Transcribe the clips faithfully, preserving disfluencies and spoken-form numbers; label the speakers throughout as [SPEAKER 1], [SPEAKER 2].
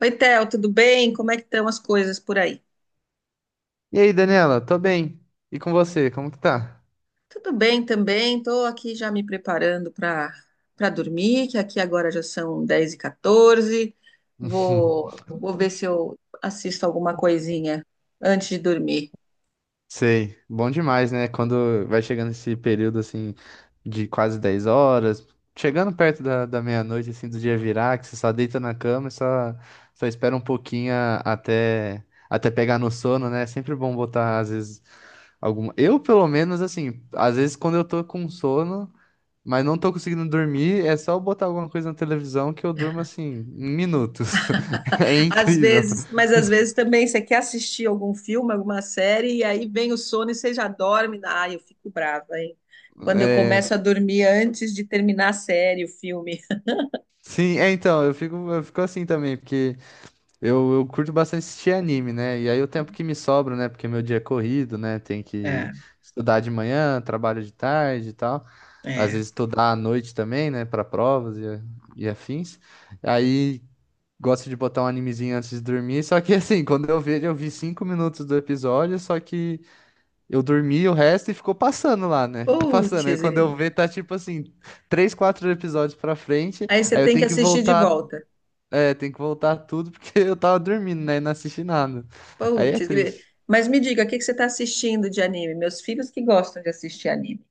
[SPEAKER 1] Oi, Theo, tudo bem? Como é que estão as coisas por aí?
[SPEAKER 2] E aí, Daniela, tô bem. E com você, como que tá?
[SPEAKER 1] Tudo bem também, estou aqui já me preparando para para dormir, que aqui agora já são dez e quatorze. Vou, vou ver se eu assisto alguma coisinha antes de dormir.
[SPEAKER 2] Sei, bom demais, né? Quando vai chegando esse período assim de quase dez horas, chegando perto da, da meia-noite, assim, do dia virar, que você só deita na cama e só, só espera um pouquinho a- até, até pegar no sono, né? É sempre bom botar, às vezes, alguma. Eu, pelo menos, assim, às vezes quando eu tô com sono, mas não tô conseguindo dormir, é só eu botar alguma coisa na televisão que eu durmo assim, em minutos. É
[SPEAKER 1] Às
[SPEAKER 2] incrível.
[SPEAKER 1] vezes, mas às vezes também você quer assistir algum filme, alguma série, e aí vem o sono e você já dorme. Ah, eu fico brava, hein? Quando eu
[SPEAKER 2] É,
[SPEAKER 1] começo a dormir antes de terminar a série, o filme.
[SPEAKER 2] sim, é então, eu fico, eu fico assim também, porque eu, eu curto bastante assistir anime, né? E aí o tempo que me sobra, né? Porque meu dia é corrido, né? Tem que
[SPEAKER 1] É,
[SPEAKER 2] estudar de manhã, trabalho de tarde e tal. Às
[SPEAKER 1] é.
[SPEAKER 2] vezes estudar à noite também, né? Para provas e, e afins. Aí gosto de botar um animezinho antes de dormir, só que assim, quando eu vejo, eu vi cinco minutos do episódio, só que. Eu dormi o resto e ficou passando lá, né? Ficou
[SPEAKER 1] Putz.
[SPEAKER 2] passando. Aí quando eu ver, tá tipo assim, três, quatro episódios pra frente.
[SPEAKER 1] Aí você
[SPEAKER 2] Aí eu
[SPEAKER 1] tem que
[SPEAKER 2] tenho que
[SPEAKER 1] assistir de
[SPEAKER 2] voltar.
[SPEAKER 1] volta.
[SPEAKER 2] É, tenho que voltar tudo porque eu tava dormindo, né? E não assisti nada. Aí é
[SPEAKER 1] Putz, gri-
[SPEAKER 2] triste.
[SPEAKER 1] mas me diga, o que que você está assistindo de anime? Meus filhos que gostam de assistir anime.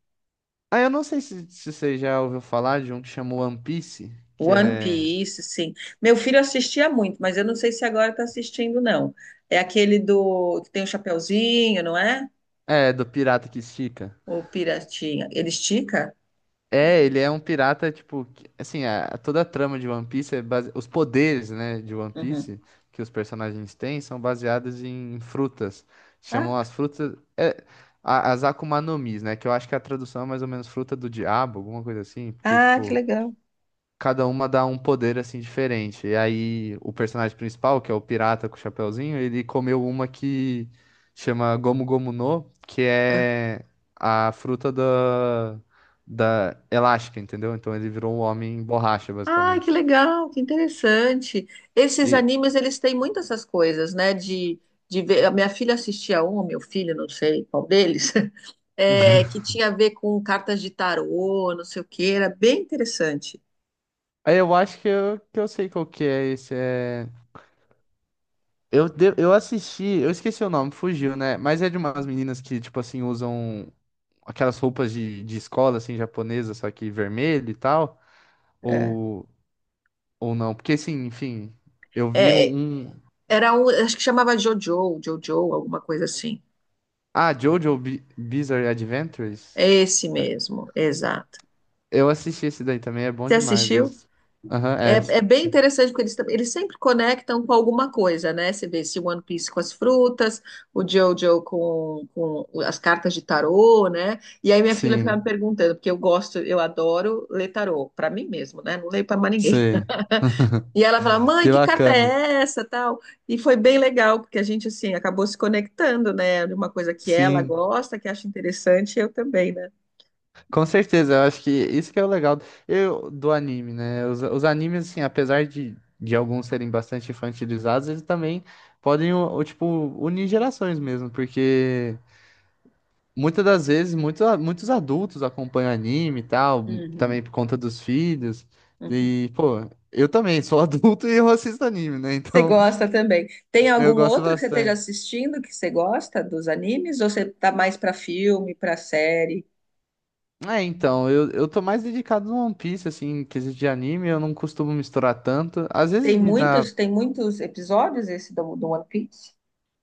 [SPEAKER 2] Aí eu não sei se, se você já ouviu falar de um que chamou One Piece, que
[SPEAKER 1] One
[SPEAKER 2] é.
[SPEAKER 1] Piece, sim. Meu filho assistia muito, mas eu não sei se agora está assistindo, não. É aquele do que tem o chapeuzinho, não é?
[SPEAKER 2] É, do pirata que estica.
[SPEAKER 1] O piratinha. Ele estica?
[SPEAKER 2] É, ele é um pirata, tipo, que- assim, a, a- toda a trama de One Piece é base... os poderes, né, de One
[SPEAKER 1] Uhum.
[SPEAKER 2] Piece que os personagens têm são baseados em frutas.
[SPEAKER 1] Ah,
[SPEAKER 2] Chamam as frutas é, a- as Akuma no Mis, né, que eu acho que a tradução é mais ou menos fruta do diabo, alguma coisa assim, porque
[SPEAKER 1] ah, que
[SPEAKER 2] tipo
[SPEAKER 1] legal.
[SPEAKER 2] cada uma dá um poder assim diferente. E aí o personagem principal, que é o pirata com o chapeuzinho, ele comeu uma que chama Gomu Gomu no, que
[SPEAKER 1] Ah.
[SPEAKER 2] é a fruta da da elástica, entendeu? Então ele virou um homem borracha,
[SPEAKER 1] Ah, que
[SPEAKER 2] basicamente.
[SPEAKER 1] legal, que interessante. Esses
[SPEAKER 2] E
[SPEAKER 1] animes, eles têm muitas essas coisas, né? De, de ver. A minha filha assistia um, meu filho, não sei qual deles. É, que tinha a ver com cartas de tarô, não sei o que, era bem interessante.
[SPEAKER 2] aí eu acho que eu, que eu sei qual que é esse é Eu, de- eu assisti, eu esqueci o nome, fugiu, né? Mas é de umas meninas que, tipo assim, usam aquelas roupas de, de escola, assim, japonesa, só que vermelho e tal.
[SPEAKER 1] É.
[SPEAKER 2] Ou Ou não? Porque, assim, enfim, eu vi
[SPEAKER 1] É,
[SPEAKER 2] um.
[SPEAKER 1] era um, acho que chamava Jojo, Jojo, alguma coisa assim.
[SPEAKER 2] Ah, JoJo Bi- Bizarre Adventures?
[SPEAKER 1] É esse mesmo, exato.
[SPEAKER 2] Eu assisti esse daí também, é bom
[SPEAKER 1] Você
[SPEAKER 2] demais.
[SPEAKER 1] assistiu?
[SPEAKER 2] as- Aham,
[SPEAKER 1] É,
[SPEAKER 2] é. s-
[SPEAKER 1] é bem interessante, porque eles, tam- eles sempre conectam com alguma coisa, né? Você vê esse One Piece com as frutas, o Jojo com, com as cartas de tarô, né? E aí minha filha ficava
[SPEAKER 2] Sim,
[SPEAKER 1] me perguntando, porque eu gosto, eu adoro ler tarô, para mim mesmo, né? Não leio para mais ninguém.
[SPEAKER 2] sim.
[SPEAKER 1] E ela falava, mãe,
[SPEAKER 2] Que
[SPEAKER 1] que carta
[SPEAKER 2] bacana.
[SPEAKER 1] é essa, tal? E foi bem legal, porque a gente, assim, acabou se conectando, né? De uma coisa que ela
[SPEAKER 2] Sim,
[SPEAKER 1] gosta, que acha interessante, e eu também, né?
[SPEAKER 2] com certeza. Eu acho que isso que é o legal eu, do anime, né? Os, os animes, assim, apesar de, de alguns serem bastante infantilizados, eles também podem, o, o, tipo, unir gerações mesmo, porque. Muitas das vezes, muitos, muitos adultos acompanham anime e tal, também
[SPEAKER 1] Uhum,
[SPEAKER 2] por conta dos filhos.
[SPEAKER 1] uhum.
[SPEAKER 2] E, pô, eu também sou adulto e eu assisto anime, né?
[SPEAKER 1] Você
[SPEAKER 2] Então,
[SPEAKER 1] gosta também. Tem algum
[SPEAKER 2] eu gosto
[SPEAKER 1] outro que você esteja
[SPEAKER 2] bastante.
[SPEAKER 1] assistindo que você gosta dos animes? Ou você tá mais para filme, para série?
[SPEAKER 2] É, então, eu, eu tô mais dedicado no One Piece, assim, em quesito de anime, eu não costumo misturar tanto. Às vezes
[SPEAKER 1] Tem
[SPEAKER 2] me dá.
[SPEAKER 1] muitos, tem muitos episódios esse do, do One Piece?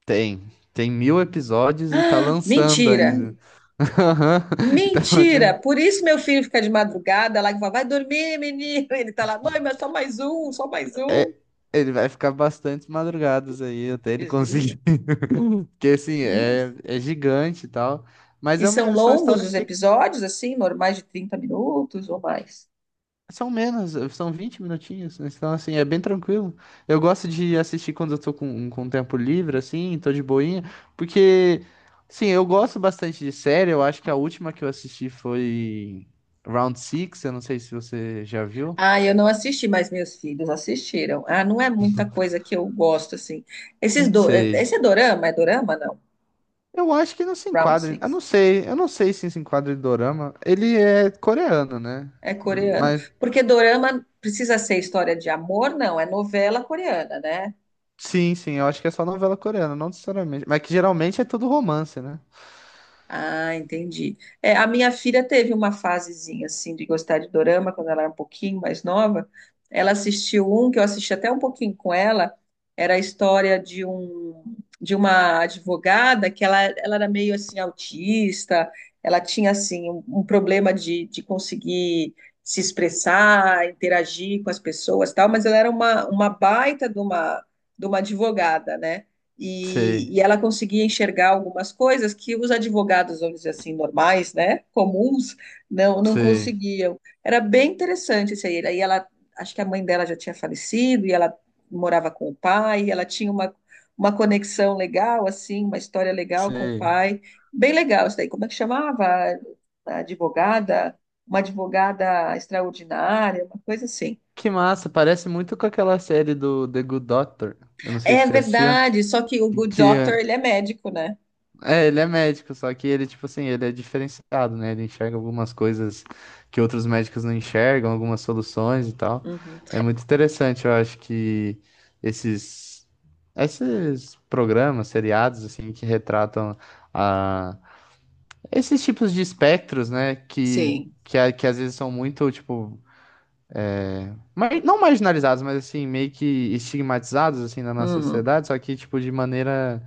[SPEAKER 2] Tem, tem mil episódios e tá
[SPEAKER 1] Ah,
[SPEAKER 2] lançando
[SPEAKER 1] mentira!
[SPEAKER 2] ainda.
[SPEAKER 1] Hum.
[SPEAKER 2] Então, já-
[SPEAKER 1] Mentira! Por isso meu filho fica de madrugada lá e fala, vai dormir, menino. Ele tá lá, mãe, mas só mais um, só mais um.
[SPEAKER 2] é, ele vai ficar bastante madrugadas aí até ele
[SPEAKER 1] Desgrila.
[SPEAKER 2] conseguir. Que assim,
[SPEAKER 1] Nossa.
[SPEAKER 2] é, é gigante e tal. Mas
[SPEAKER 1] E
[SPEAKER 2] é
[SPEAKER 1] são
[SPEAKER 2] uma- são
[SPEAKER 1] longos
[SPEAKER 2] histórias
[SPEAKER 1] os
[SPEAKER 2] que
[SPEAKER 1] episódios, assim, normais de trinta minutos ou mais?
[SPEAKER 2] são menos, são vinte minutinhos. Né? Então, assim, é bem tranquilo. Eu gosto de assistir quando eu tô com, um, com tempo livre, assim, tô de boinha. Porque, sim, eu gosto bastante de série. Eu acho que a última que eu assisti foi Round Six. Eu não sei se você já viu.
[SPEAKER 1] Ah, eu não assisti, mas meus filhos assistiram. Ah, não é muita coisa que eu gosto, assim. Esses
[SPEAKER 2] Uhum.
[SPEAKER 1] do... eh,
[SPEAKER 2] Sei.
[SPEAKER 1] Esse é dorama? É dorama, não?
[SPEAKER 2] Eu acho que não se
[SPEAKER 1] Round
[SPEAKER 2] enquadra. em- Eu não
[SPEAKER 1] Six.
[SPEAKER 2] sei. Eu não sei se se enquadra em dorama. Ele é coreano, né?
[SPEAKER 1] É coreano. Porque dorama precisa ser história de amor? Não, é novela coreana, né?
[SPEAKER 2] Sim, sim, eu acho que é só novela coreana, não necessariamente. Mas que geralmente é tudo romance, né?
[SPEAKER 1] Ah, entendi. É, a minha filha teve uma fasezinha assim de gostar de dorama quando ela era um pouquinho mais nova. Ela assistiu um que eu assisti até um pouquinho com ela. Era a história de um de uma advogada que ela, ela era meio assim autista. Ela tinha assim um, um problema de, de conseguir se expressar, interagir com as pessoas, e tal. Mas ela era uma, uma baita de uma de uma advogada, né? e,
[SPEAKER 2] Sei,
[SPEAKER 1] e ela conseguia enxergar algumas coisas que os advogados, vamos dizer assim, normais, né, comuns, não, não
[SPEAKER 2] sei,
[SPEAKER 1] conseguiam. Era bem interessante isso aí. Aí ela, acho que a mãe dela já tinha falecido e ela morava com o pai, e ela tinha uma, uma conexão legal, assim, uma história legal com o
[SPEAKER 2] sei.
[SPEAKER 1] pai. Bem legal isso daí. Como é que chamava? A advogada, uma advogada extraordinária, uma coisa assim.
[SPEAKER 2] Que massa, parece muito com aquela série do The Good Doctor. Eu não sei se
[SPEAKER 1] É
[SPEAKER 2] você assistiu.
[SPEAKER 1] verdade, só que o Good Doctor,
[SPEAKER 2] Que
[SPEAKER 1] ele é médico, né?
[SPEAKER 2] é, ele é médico, só que ele, tipo assim, ele é diferenciado, né? Ele enxerga algumas coisas que outros médicos não enxergam, algumas soluções e tal.
[SPEAKER 1] Uhum.
[SPEAKER 2] É muito interessante, eu acho que esses, esses programas, seriados, assim, que retratam a Esses tipos de espectros, né, que,
[SPEAKER 1] Sim.
[SPEAKER 2] que, a- que às vezes são muito, tipo, ma- não marginalizados, mas assim, meio que estigmatizados, assim, na nossa
[SPEAKER 1] Uhum.
[SPEAKER 2] sociedade, só que, tipo, de maneira,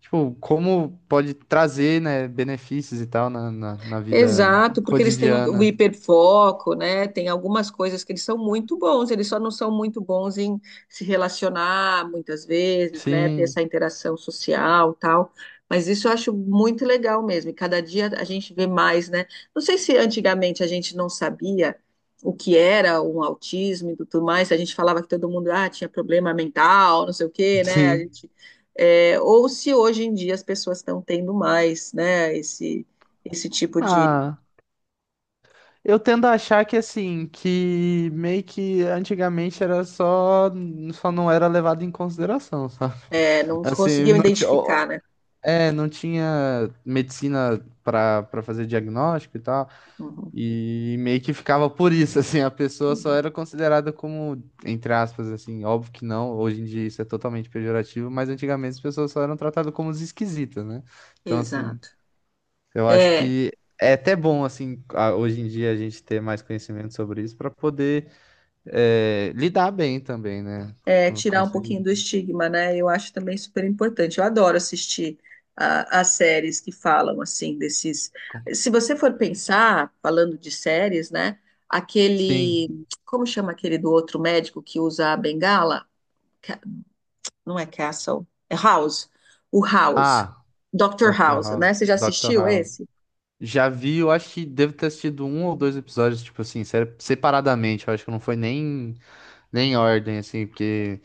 [SPEAKER 2] tipo, como pode trazer, né, benefícios e tal na, na, na vida
[SPEAKER 1] Exato, porque eles têm o, o
[SPEAKER 2] cotidiana.
[SPEAKER 1] hiperfoco, né? Tem algumas coisas que eles são muito bons, eles só não são muito bons em se relacionar muitas vezes, né? Ter essa
[SPEAKER 2] Sim,
[SPEAKER 1] interação social, tal. Mas isso eu acho muito legal mesmo. E cada dia a gente vê mais, né? Não sei se antigamente a gente não sabia o que era um autismo e tudo mais. A gente falava que todo mundo ah, tinha problema mental, não sei o quê, né? A
[SPEAKER 2] sim.
[SPEAKER 1] gente, é, ou se hoje em dia as pessoas estão tendo mais, né? Esse esse tipo de.
[SPEAKER 2] Ah, eu tendo a achar que, assim, que meio que antigamente era só, só não era levado em consideração, sabe?
[SPEAKER 1] É, não
[SPEAKER 2] Assim,
[SPEAKER 1] conseguiam
[SPEAKER 2] não tinha,
[SPEAKER 1] identificar, né?
[SPEAKER 2] É, não tinha medicina pra para fazer diagnóstico e tal,
[SPEAKER 1] Uhum,
[SPEAKER 2] e meio que ficava por isso, assim, a pessoa só
[SPEAKER 1] uhum.
[SPEAKER 2] era considerada como, entre aspas, assim, óbvio que não, hoje em dia isso é totalmente pejorativo, mas antigamente as pessoas só eram tratadas como os esquisitas, né? Então,
[SPEAKER 1] Exato.
[SPEAKER 2] assim, eu acho
[SPEAKER 1] É,
[SPEAKER 2] que é até bom, assim, a- hoje em dia a gente ter mais conhecimento sobre isso pra poder é, lidar bem também, né?
[SPEAKER 1] é,
[SPEAKER 2] Com, com
[SPEAKER 1] tirar um
[SPEAKER 2] isso.
[SPEAKER 1] pouquinho do estigma, né? Eu acho também super importante. Eu adoro assistir a- as séries que falam assim desses.
[SPEAKER 2] Com-
[SPEAKER 1] Se você for pensar, falando de séries, né?
[SPEAKER 2] Sim.
[SPEAKER 1] Aquele. Como chama aquele do outro médico que usa a bengala? Ca- Não é Castle, é House. O House.
[SPEAKER 2] Ah,
[SPEAKER 1] doutor
[SPEAKER 2] doutor
[SPEAKER 1] House,
[SPEAKER 2] House.
[SPEAKER 1] né? Você já
[SPEAKER 2] doutor
[SPEAKER 1] assistiu
[SPEAKER 2] House.
[SPEAKER 1] esse?
[SPEAKER 2] Já vi, eu acho que devo ter assistido um ou dois episódios, tipo assim, sério, separadamente. Eu acho que não foi nem, nem em ordem, assim, porque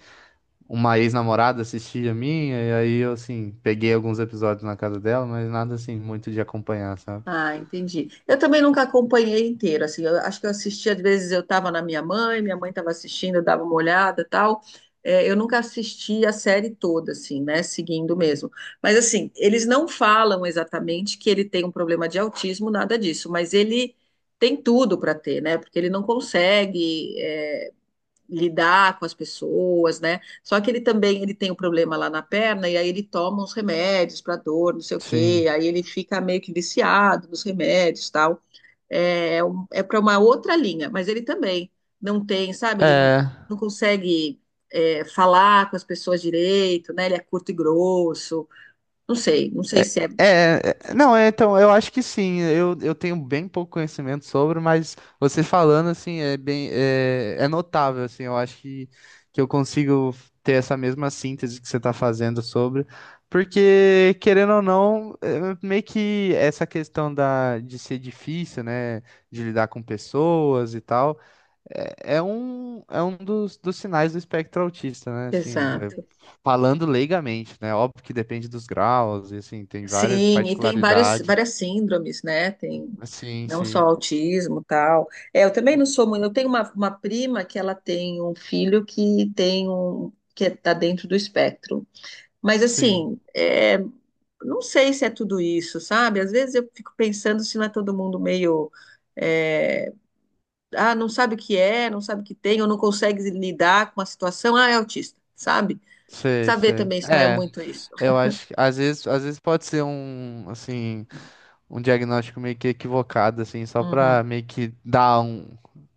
[SPEAKER 2] uma ex-namorada assistia a minha, e aí eu, assim, peguei alguns episódios na casa dela, mas nada, assim, muito de acompanhar, sabe?
[SPEAKER 1] Ah, entendi. Eu também nunca acompanhei inteiro, assim, eu acho que eu assistia, às vezes eu estava na minha mãe, minha mãe estava assistindo, eu dava uma olhada e tal. É, eu nunca assisti a série toda, assim, né, seguindo mesmo. Mas, assim, eles não falam exatamente que ele tem um problema de autismo, nada disso, mas ele tem tudo para ter, né, porque ele não consegue. É, lidar com as pessoas, né? Só que ele também ele tem um problema lá na perna e aí ele toma uns remédios para dor, não sei o quê,
[SPEAKER 2] Sim.
[SPEAKER 1] aí ele fica meio que viciado nos remédios, tal. É, é um- é para uma outra linha, mas ele também não tem, sabe? Ele não,
[SPEAKER 2] É.
[SPEAKER 1] não consegue, é, falar com as pessoas direito, né? Ele é curto e grosso. Não sei, não sei
[SPEAKER 2] É,
[SPEAKER 1] se é
[SPEAKER 2] é, é- não, é, então, eu acho que sim. Eu, eu tenho bem pouco conhecimento sobre, mas você falando, assim, é bem, é, é notável, assim, eu acho que, que eu consigo ter essa mesma síntese que você está fazendo sobre, porque, querendo ou não, é, meio que essa questão da, de ser difícil, né, de lidar com pessoas e tal, é é um, é um dos, dos sinais do espectro autista, né? Assim, é,
[SPEAKER 1] exato.
[SPEAKER 2] falando leigamente, né? Óbvio que depende dos graus, e assim, tem várias Sim,
[SPEAKER 1] Sim, e tem vários,
[SPEAKER 2] particularidades.
[SPEAKER 1] várias síndromes, né? Tem
[SPEAKER 2] Sim. Sim,
[SPEAKER 1] não só
[SPEAKER 2] sim.
[SPEAKER 1] autismo, tal. É, eu também não sou muito. Eu tenho uma, uma prima que ela tem um filho que tem um que está dentro do espectro. Mas
[SPEAKER 2] Sim,
[SPEAKER 1] assim, é, não sei se é tudo isso, sabe? Às vezes eu fico pensando se não é todo mundo meio é, ah, não sabe o que é, não sabe o que tem, ou não consegue lidar com a situação, ah, é autista, sabe?
[SPEAKER 2] sei,
[SPEAKER 1] Saber
[SPEAKER 2] sei.
[SPEAKER 1] também se não é
[SPEAKER 2] É,
[SPEAKER 1] muito isso.
[SPEAKER 2] eu acho que às vezes, às vezes pode ser um, assim, um diagnóstico meio que equivocado, assim, só pra
[SPEAKER 1] Uhum.
[SPEAKER 2] meio que dar um,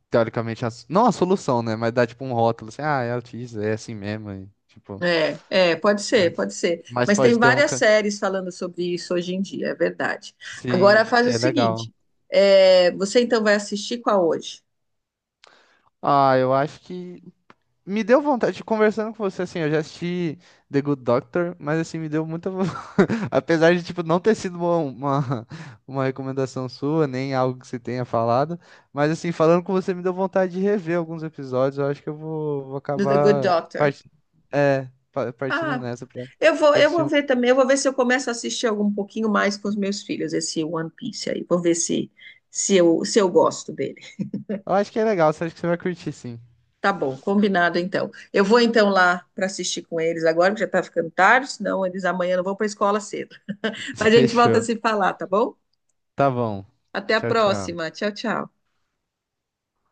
[SPEAKER 2] teoricamente, a não a solução, né? Mas dar tipo um rótulo, assim, ah, é autista, é assim mesmo, e, tipo.
[SPEAKER 1] É, é, pode
[SPEAKER 2] Né?
[SPEAKER 1] ser, pode ser.
[SPEAKER 2] Mas
[SPEAKER 1] Mas tem
[SPEAKER 2] pode ter um.
[SPEAKER 1] várias séries falando sobre isso hoje em dia, é verdade.
[SPEAKER 2] Sim,
[SPEAKER 1] Agora faz o
[SPEAKER 2] é legal.
[SPEAKER 1] seguinte: é, você então vai assistir qual hoje?
[SPEAKER 2] Ah, eu acho que me deu vontade, conversando com você, assim, eu já assisti The Good Doctor, mas assim, me deu muita von- apesar de, tipo, não ter sido uma, uma, uma recomendação sua, nem algo que você tenha falado, mas assim, falando com você, me deu vontade de rever alguns episódios, eu acho que eu vou, vou
[SPEAKER 1] Do The Good
[SPEAKER 2] acabar
[SPEAKER 1] Doctor.
[SPEAKER 2] parti- é, pa- partindo
[SPEAKER 1] Ah,
[SPEAKER 2] nessa pra,
[SPEAKER 1] eu vou,
[SPEAKER 2] pra
[SPEAKER 1] eu
[SPEAKER 2] assistir
[SPEAKER 1] vou
[SPEAKER 2] um...
[SPEAKER 1] ver também, eu vou ver se eu começo a assistir algum um pouquinho mais com os meus filhos, esse One Piece aí. Vou ver se, se eu, se eu gosto dele.
[SPEAKER 2] Eu acho que é legal, eu acho que você vai curtir, sim.
[SPEAKER 1] Tá bom, combinado então. Eu vou então lá para assistir com eles agora, porque já tá ficando tarde, senão eles amanhã não vão para a escola cedo. A gente volta a
[SPEAKER 2] Fechou.
[SPEAKER 1] se falar, tá bom?
[SPEAKER 2] Tá bom.
[SPEAKER 1] Até a
[SPEAKER 2] Tchau, tchau.
[SPEAKER 1] próxima. Tchau, tchau.